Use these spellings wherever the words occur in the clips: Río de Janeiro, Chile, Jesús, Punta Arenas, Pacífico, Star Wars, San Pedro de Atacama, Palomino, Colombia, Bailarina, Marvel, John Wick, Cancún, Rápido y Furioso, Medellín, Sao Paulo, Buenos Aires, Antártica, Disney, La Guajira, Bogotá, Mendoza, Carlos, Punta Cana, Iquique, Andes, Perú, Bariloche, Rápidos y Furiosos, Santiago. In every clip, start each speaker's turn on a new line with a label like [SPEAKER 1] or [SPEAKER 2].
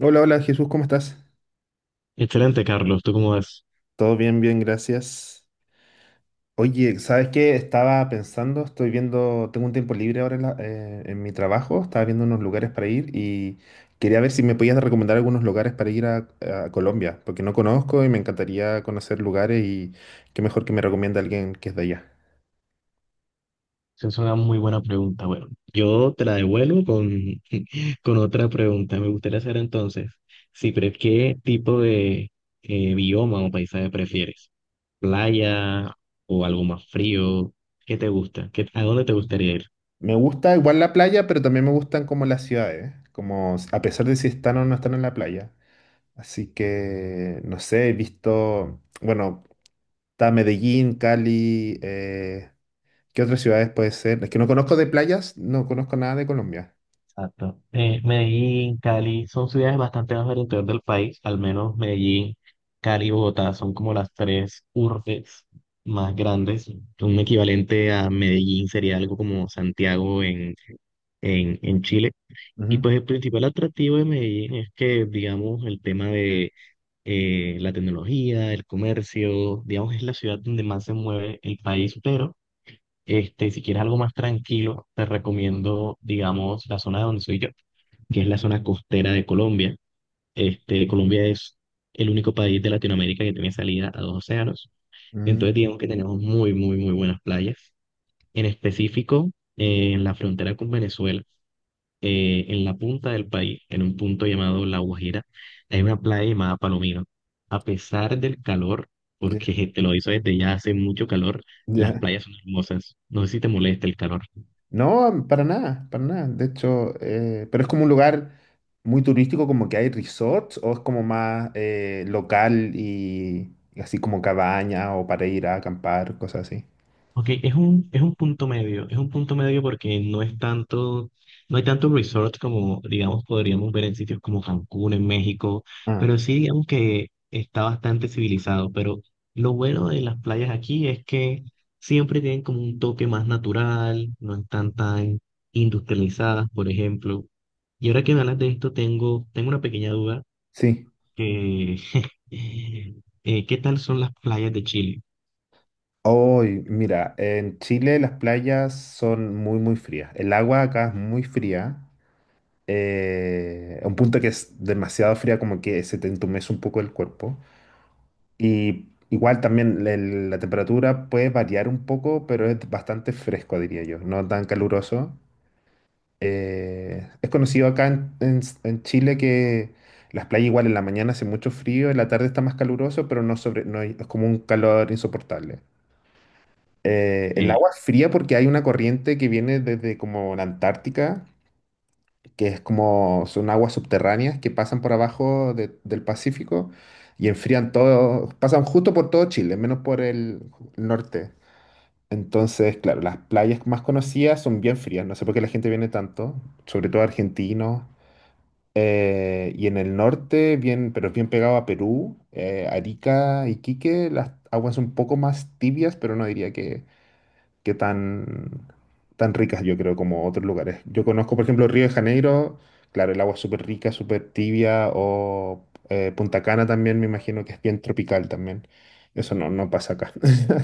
[SPEAKER 1] Hola, hola Jesús, ¿cómo estás?
[SPEAKER 2] Excelente, Carlos. ¿Tú cómo ves?
[SPEAKER 1] Todo bien, bien, gracias. Oye, ¿sabes qué? Estaba pensando, estoy viendo, tengo un tiempo libre ahora en, en mi trabajo, estaba viendo unos lugares para ir y quería ver si me podías recomendar algunos lugares para ir a Colombia, porque no conozco y me encantaría conocer lugares y qué mejor que me recomiende alguien que es de allá.
[SPEAKER 2] Esa es una muy buena pregunta. Bueno, yo te la devuelvo con, con otra pregunta. Me gustaría hacer entonces, si pre- ¿qué tipo de bioma o paisaje prefieres? ¿Playa o algo más frío? ¿Qué te gusta? ¿Qué, a dónde te gustaría ir?
[SPEAKER 1] Me gusta igual la playa, pero también me gustan como las ciudades, a pesar de si están o no están en la playa. Así que, no sé, he visto, bueno. Está Medellín, Cali, ¿qué otras ciudades puede ser? Es que no conozco de playas, no conozco nada de Colombia.
[SPEAKER 2] Exacto. Medellín, Cali, son ciudades bastante más del interior del país, al menos Medellín, Cali y Bogotá son como las tres urbes más grandes. Un equivalente a Medellín sería algo como Santiago en, en Chile. Y
[SPEAKER 1] Ujú.
[SPEAKER 2] pues el principal atractivo de Medellín es que, digamos, el tema de la tecnología, el comercio, digamos, es la ciudad donde más se mueve el país, pero este, si quieres algo más tranquilo, te recomiendo, digamos, la zona de donde soy yo, que es la zona costera de Colombia. Este, Colombia es el único país de Latinoamérica que tiene salida a dos océanos. Entonces,
[SPEAKER 1] Mm,
[SPEAKER 2] digamos que tenemos muy, muy, muy buenas playas. En específico, en la frontera con Venezuela, en la punta del país, en un punto llamado La Guajira, hay una playa llamada Palomino. A pesar del calor,
[SPEAKER 1] ya,
[SPEAKER 2] porque te lo hizo desde ya hace mucho calor, las
[SPEAKER 1] ya.
[SPEAKER 2] playas son hermosas. No sé si te molesta el calor.
[SPEAKER 1] No, para nada, para nada. De hecho, pero es como un lugar muy turístico, como que hay resorts, o es como más local y así como cabaña o para ir a acampar, cosas así.
[SPEAKER 2] Ok, es un punto medio, es un punto medio porque no es tanto, no hay tanto resort como, digamos, podríamos ver en sitios como Cancún, en México,
[SPEAKER 1] Ah,
[SPEAKER 2] pero sí digamos que está bastante civilizado, pero lo bueno de las playas aquí es que siempre tienen como un toque más natural, no están tan industrializadas, por ejemplo. Y ahora que me hablas de esto, tengo una pequeña duda
[SPEAKER 1] sí.
[SPEAKER 2] que, ¿qué tal son las playas de Chile?
[SPEAKER 1] Hoy, mira, en Chile las playas son muy, muy frías. El agua acá es muy fría. A un punto que es demasiado fría, como que se te entumece un poco el cuerpo. Y igual también la temperatura puede variar un poco, pero es bastante fresco, diría yo, no tan caluroso. Es conocido acá en, en Chile que las playas igual en la mañana hace mucho frío, en la tarde está más caluroso, pero no sobre, no hay- es como un calor insoportable. El
[SPEAKER 2] Eh,
[SPEAKER 1] agua es fría porque hay una corriente que viene desde como la Antártica, que es como son aguas subterráneas que pasan por del Pacífico y enfrían todo, pasan justo por todo Chile, menos por el norte. Entonces, claro, las playas más conocidas son bien frías, no sé por qué la gente viene tanto, sobre todo argentinos. Y en el norte, bien, pero es bien pegado a Perú, Arica, Iquique, las aguas son un poco más tibias, pero no diría que que tan, tan ricas, yo creo, como otros lugares. Yo conozco, por ejemplo, Río de Janeiro, claro, el agua es súper rica, súper tibia, o Punta Cana también, me imagino que es bien tropical también. Eso no, no pasa acá.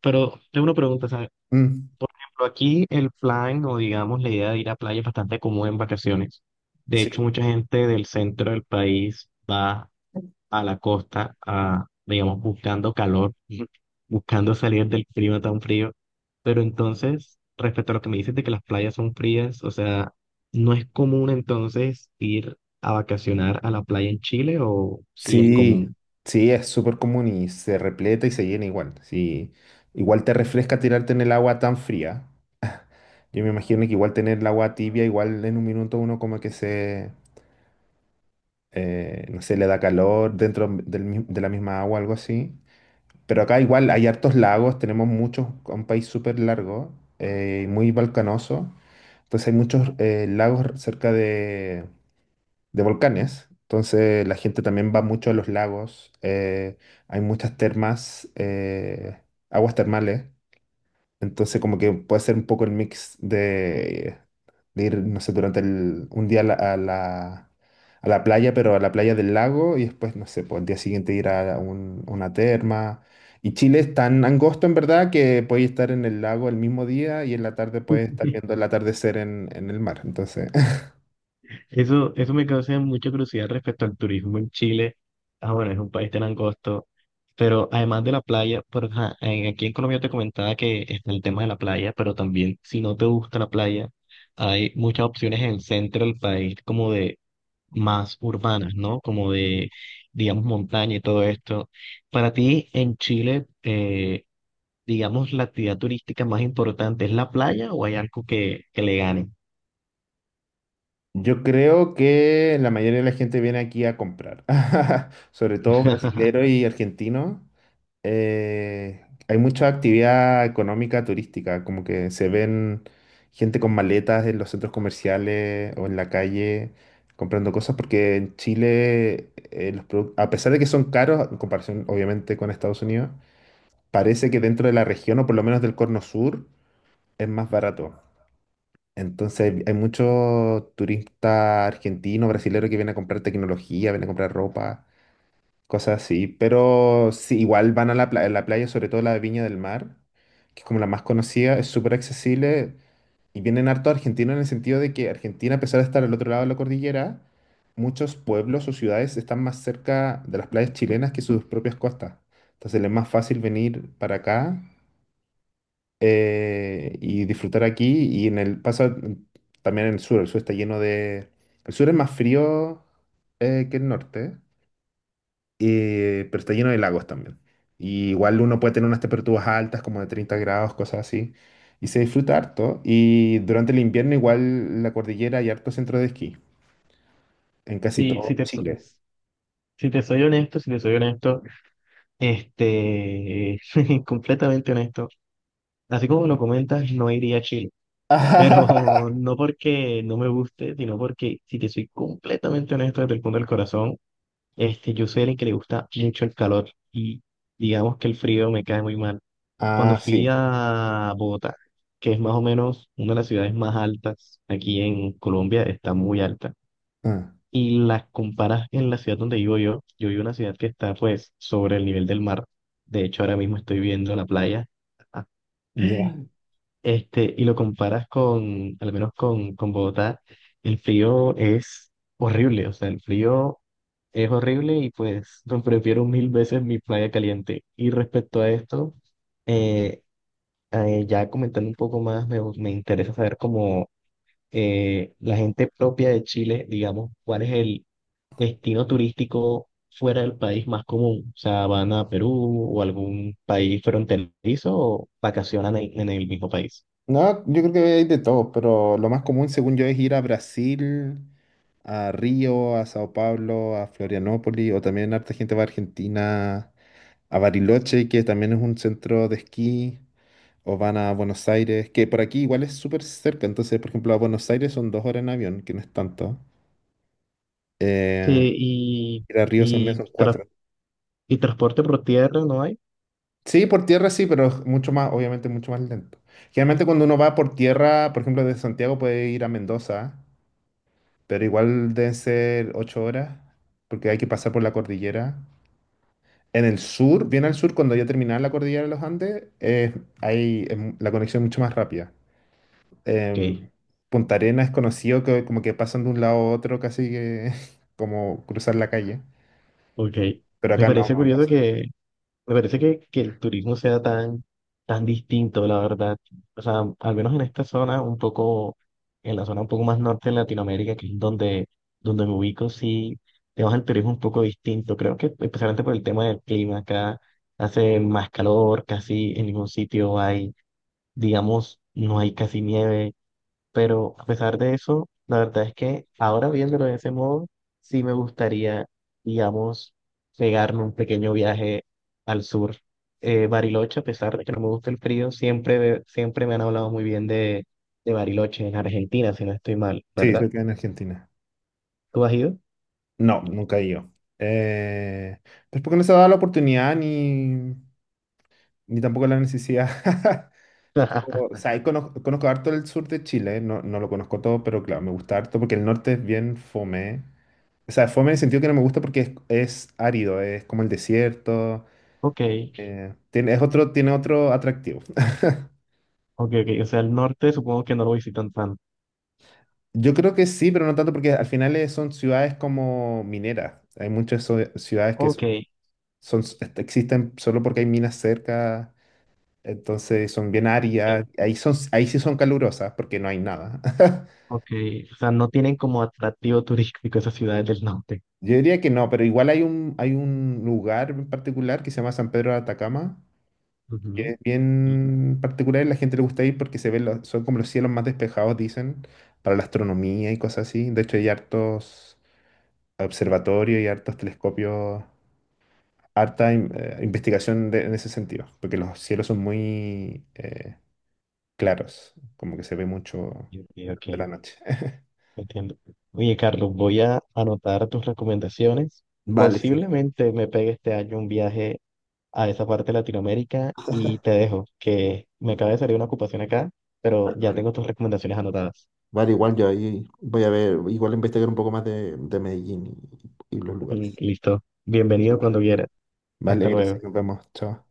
[SPEAKER 2] pero tengo una pregunta, ¿sabes?
[SPEAKER 1] Mm,
[SPEAKER 2] Pero aquí el plan o digamos la idea de ir a playa es bastante común en vacaciones. De hecho,
[SPEAKER 1] sí,
[SPEAKER 2] mucha gente del centro del país va a la costa, a, digamos, buscando calor, buscando salir del clima tan frío. Pero entonces, respecto a lo que me dices de que las playas son frías, o sea, ¿no es común entonces ir a vacacionar a la playa en Chile o sí es
[SPEAKER 1] sí,
[SPEAKER 2] común?
[SPEAKER 1] sí, es súper común y se repleta y se llena igual. Sí, igual te refresca tirarte en el agua tan fría. Yo me imagino que igual tener el agua tibia, igual en un minuto uno como que se, no sé, le da calor dentro de la misma agua, algo así. Pero acá igual hay hartos lagos, tenemos muchos, un país súper largo, muy volcanoso. Entonces hay muchos lagos cerca de volcanes. Entonces la gente también va mucho a los lagos. Hay muchas termas, aguas termales. Entonces como que puede ser un poco el mix de ir, no sé, durante un día a la, a la, a la playa, pero a la playa del lago y después, no sé, pues el día siguiente ir a una terma. Y Chile es tan angosto en verdad que puedes estar en el lago el mismo día y en la tarde puedes estar viendo el atardecer en el mar. Entonces,
[SPEAKER 2] Eso me causa mucha curiosidad respecto al turismo en Chile. Ah, bueno, es un país tan angosto, pero además de la playa, por, ajá, aquí en Colombia te comentaba que está el tema de la playa, pero también si no te gusta la playa, hay muchas opciones en el centro del país como de más urbanas, ¿no? Como de, digamos, montaña y todo esto. Para ti en Chile, digamos, la actividad turística más importante, ¿es la playa o hay algo que le gane?
[SPEAKER 1] yo creo que la mayoría de la gente viene aquí a comprar, sobre todo brasileños y argentinos. Hay mucha actividad económica turística, como que se ven gente con maletas en los centros comerciales o en la calle comprando cosas, porque en Chile, a pesar de que son caros, en comparación obviamente con Estados Unidos, parece que dentro de la región, o por lo menos del Cono Sur, es más barato. Entonces hay muchos turistas argentinos, brasileños que vienen a comprar tecnología, vienen a comprar ropa cosas así. Pero sí, igual van a la, la playa, sobre todo la de Viña del Mar, que es como la más conocida, es súper accesible y vienen harto argentinos en el sentido de que Argentina, a pesar de estar al otro lado de la cordillera, muchos pueblos o ciudades están más cerca de las playas chilenas que sus propias costas. Entonces les es más fácil venir para acá y disfrutar aquí. Y en el pasa también en el sur está lleno de... El sur es más frío que el norte, pero está lleno de lagos también. Y igual uno puede tener unas temperaturas altas, como de 30 grados, cosas así, y se disfruta harto. Y durante el invierno igual la cordillera hay harto centro de esquí, en casi
[SPEAKER 2] Sí,
[SPEAKER 1] todo Chile.
[SPEAKER 2] si te soy honesto, si te soy honesto, este, completamente honesto, así como lo comentas, no iría a Chile, pero no porque no me guste, sino porque si te soy completamente honesto desde el punto del corazón, este, yo soy alguien que le gusta mucho el calor y digamos que el frío me cae muy mal. Cuando
[SPEAKER 1] Ah,
[SPEAKER 2] fui
[SPEAKER 1] sí.
[SPEAKER 2] a Bogotá, que es más o menos una de las ciudades más altas aquí en Colombia, está muy alta
[SPEAKER 1] Ah,
[SPEAKER 2] y las comparas en la ciudad donde vivo yo, yo vivo en una ciudad que está pues sobre el nivel del mar, de hecho ahora mismo estoy viendo la playa,
[SPEAKER 1] ya.
[SPEAKER 2] este, y lo comparas con, al menos con Bogotá, el frío es horrible, o sea, el frío es horrible y pues no, prefiero mil veces mi playa caliente. Y respecto a esto, eh, ya comentando un poco más, me interesa saber cómo la gente propia de Chile, digamos, ¿cuál es el destino turístico fuera del país más común? O sea, ¿van a Perú o algún país fronterizo o vacacionan en el mismo país?
[SPEAKER 1] No, yo creo que hay de todo, pero lo más común, según yo, es ir a Brasil, a Río, a Sao Paulo, a Florianópolis, o también harta gente va a Argentina, a Bariloche, que también es un centro de esquí. O van a Buenos Aires, que por aquí igual es súper cerca. Entonces, por ejemplo, a Buenos Aires son 2 horas en avión, que no es tanto. Eh,
[SPEAKER 2] Sí,
[SPEAKER 1] Ir a Río son menos,
[SPEAKER 2] y,
[SPEAKER 1] son
[SPEAKER 2] tra-
[SPEAKER 1] cuatro.
[SPEAKER 2] y transporte por tierra no hay.
[SPEAKER 1] Sí, por tierra sí, pero es mucho más, obviamente mucho más lento. Generalmente cuando uno va por tierra, por ejemplo, desde Santiago puede ir a Mendoza, pero igual deben ser 8 horas, porque hay que pasar por la cordillera. En el sur, bien al sur, cuando ya terminaba la cordillera de los Andes, hay, la conexión es mucho más rápida. em,
[SPEAKER 2] Ok,
[SPEAKER 1] Punta Arenas es conocido que como que pasan de un lado a otro casi que como cruzar la calle,
[SPEAKER 2] ok.
[SPEAKER 1] pero
[SPEAKER 2] Me
[SPEAKER 1] acá no,
[SPEAKER 2] parece
[SPEAKER 1] no
[SPEAKER 2] curioso
[SPEAKER 1] pasa.
[SPEAKER 2] que Me parece que el turismo sea tan, tan distinto, la verdad. O sea, al menos en esta zona, un poco, en la zona un poco más norte de Latinoamérica, que es donde, donde me ubico, sí, tenemos el turismo un poco distinto. Creo que especialmente por el tema del clima, acá hace más calor, casi en ningún sitio hay, digamos, no hay casi nieve. Pero a pesar de eso, la verdad es que ahora viéndolo de ese modo, sí me gustaría, digamos, pegarme un pequeño viaje al sur. Bariloche, a pesar de que no me gusta el frío, siempre, siempre me han hablado muy bien de Bariloche en Argentina, si no estoy mal,
[SPEAKER 1] Sí, se
[SPEAKER 2] ¿verdad?
[SPEAKER 1] queda en Argentina.
[SPEAKER 2] ¿Tú has ido?
[SPEAKER 1] No, nunca he ido. Eh, pues porque no se ha dado la oportunidad ni, ni tampoco la necesidad. O sea, ahí conozco, conozco harto el sur de Chile, no, no lo conozco todo, pero claro, me gusta harto porque el norte es bien fome. O sea, fome en el sentido que no me gusta porque es árido, es como el desierto,
[SPEAKER 2] Ok,
[SPEAKER 1] tiene, es otro, tiene otro atractivo.
[SPEAKER 2] ok, ok. O sea, el norte supongo que no lo visitan tanto.
[SPEAKER 1] Yo creo que sí, pero no tanto porque al final son ciudades como mineras. Hay muchas ciudades que
[SPEAKER 2] Ok,
[SPEAKER 1] son, existen solo porque hay minas cerca, entonces son bien
[SPEAKER 2] ok,
[SPEAKER 1] áridas. Ahí son, ahí sí son calurosas porque no hay nada.
[SPEAKER 2] ok. O sea, no tienen como atractivo turístico esas ciudades del norte.
[SPEAKER 1] Yo diría que no, pero igual hay un lugar en particular que se llama San Pedro de Atacama, que
[SPEAKER 2] Ujú.
[SPEAKER 1] es bien particular y la gente le gusta ir porque se ven son como los cielos más despejados, dicen, para la astronomía y cosas así. De hecho, hay hartos observatorios y hartos telescopios, investigación en ese sentido, porque los cielos son muy claros, como que se ve mucho
[SPEAKER 2] Ok, ok.
[SPEAKER 1] de la noche.
[SPEAKER 2] Entiendo. Oye, Carlos, voy a anotar tus recomendaciones.
[SPEAKER 1] Vale, sí.
[SPEAKER 2] Posiblemente me pegue este año un viaje a esa parte de Latinoamérica y te dejo, que me acaba de salir una ocupación acá, pero ya
[SPEAKER 1] Vale,
[SPEAKER 2] tengo tus recomendaciones anotadas.
[SPEAKER 1] vale, igual yo ahí voy a ver, igual investigar un poco más de Medellín y los
[SPEAKER 2] Mm,
[SPEAKER 1] lugares.
[SPEAKER 2] listo. Bienvenido cuando quieras.
[SPEAKER 1] Vale,
[SPEAKER 2] Hasta
[SPEAKER 1] gracias,
[SPEAKER 2] luego.
[SPEAKER 1] nos vemos, chao.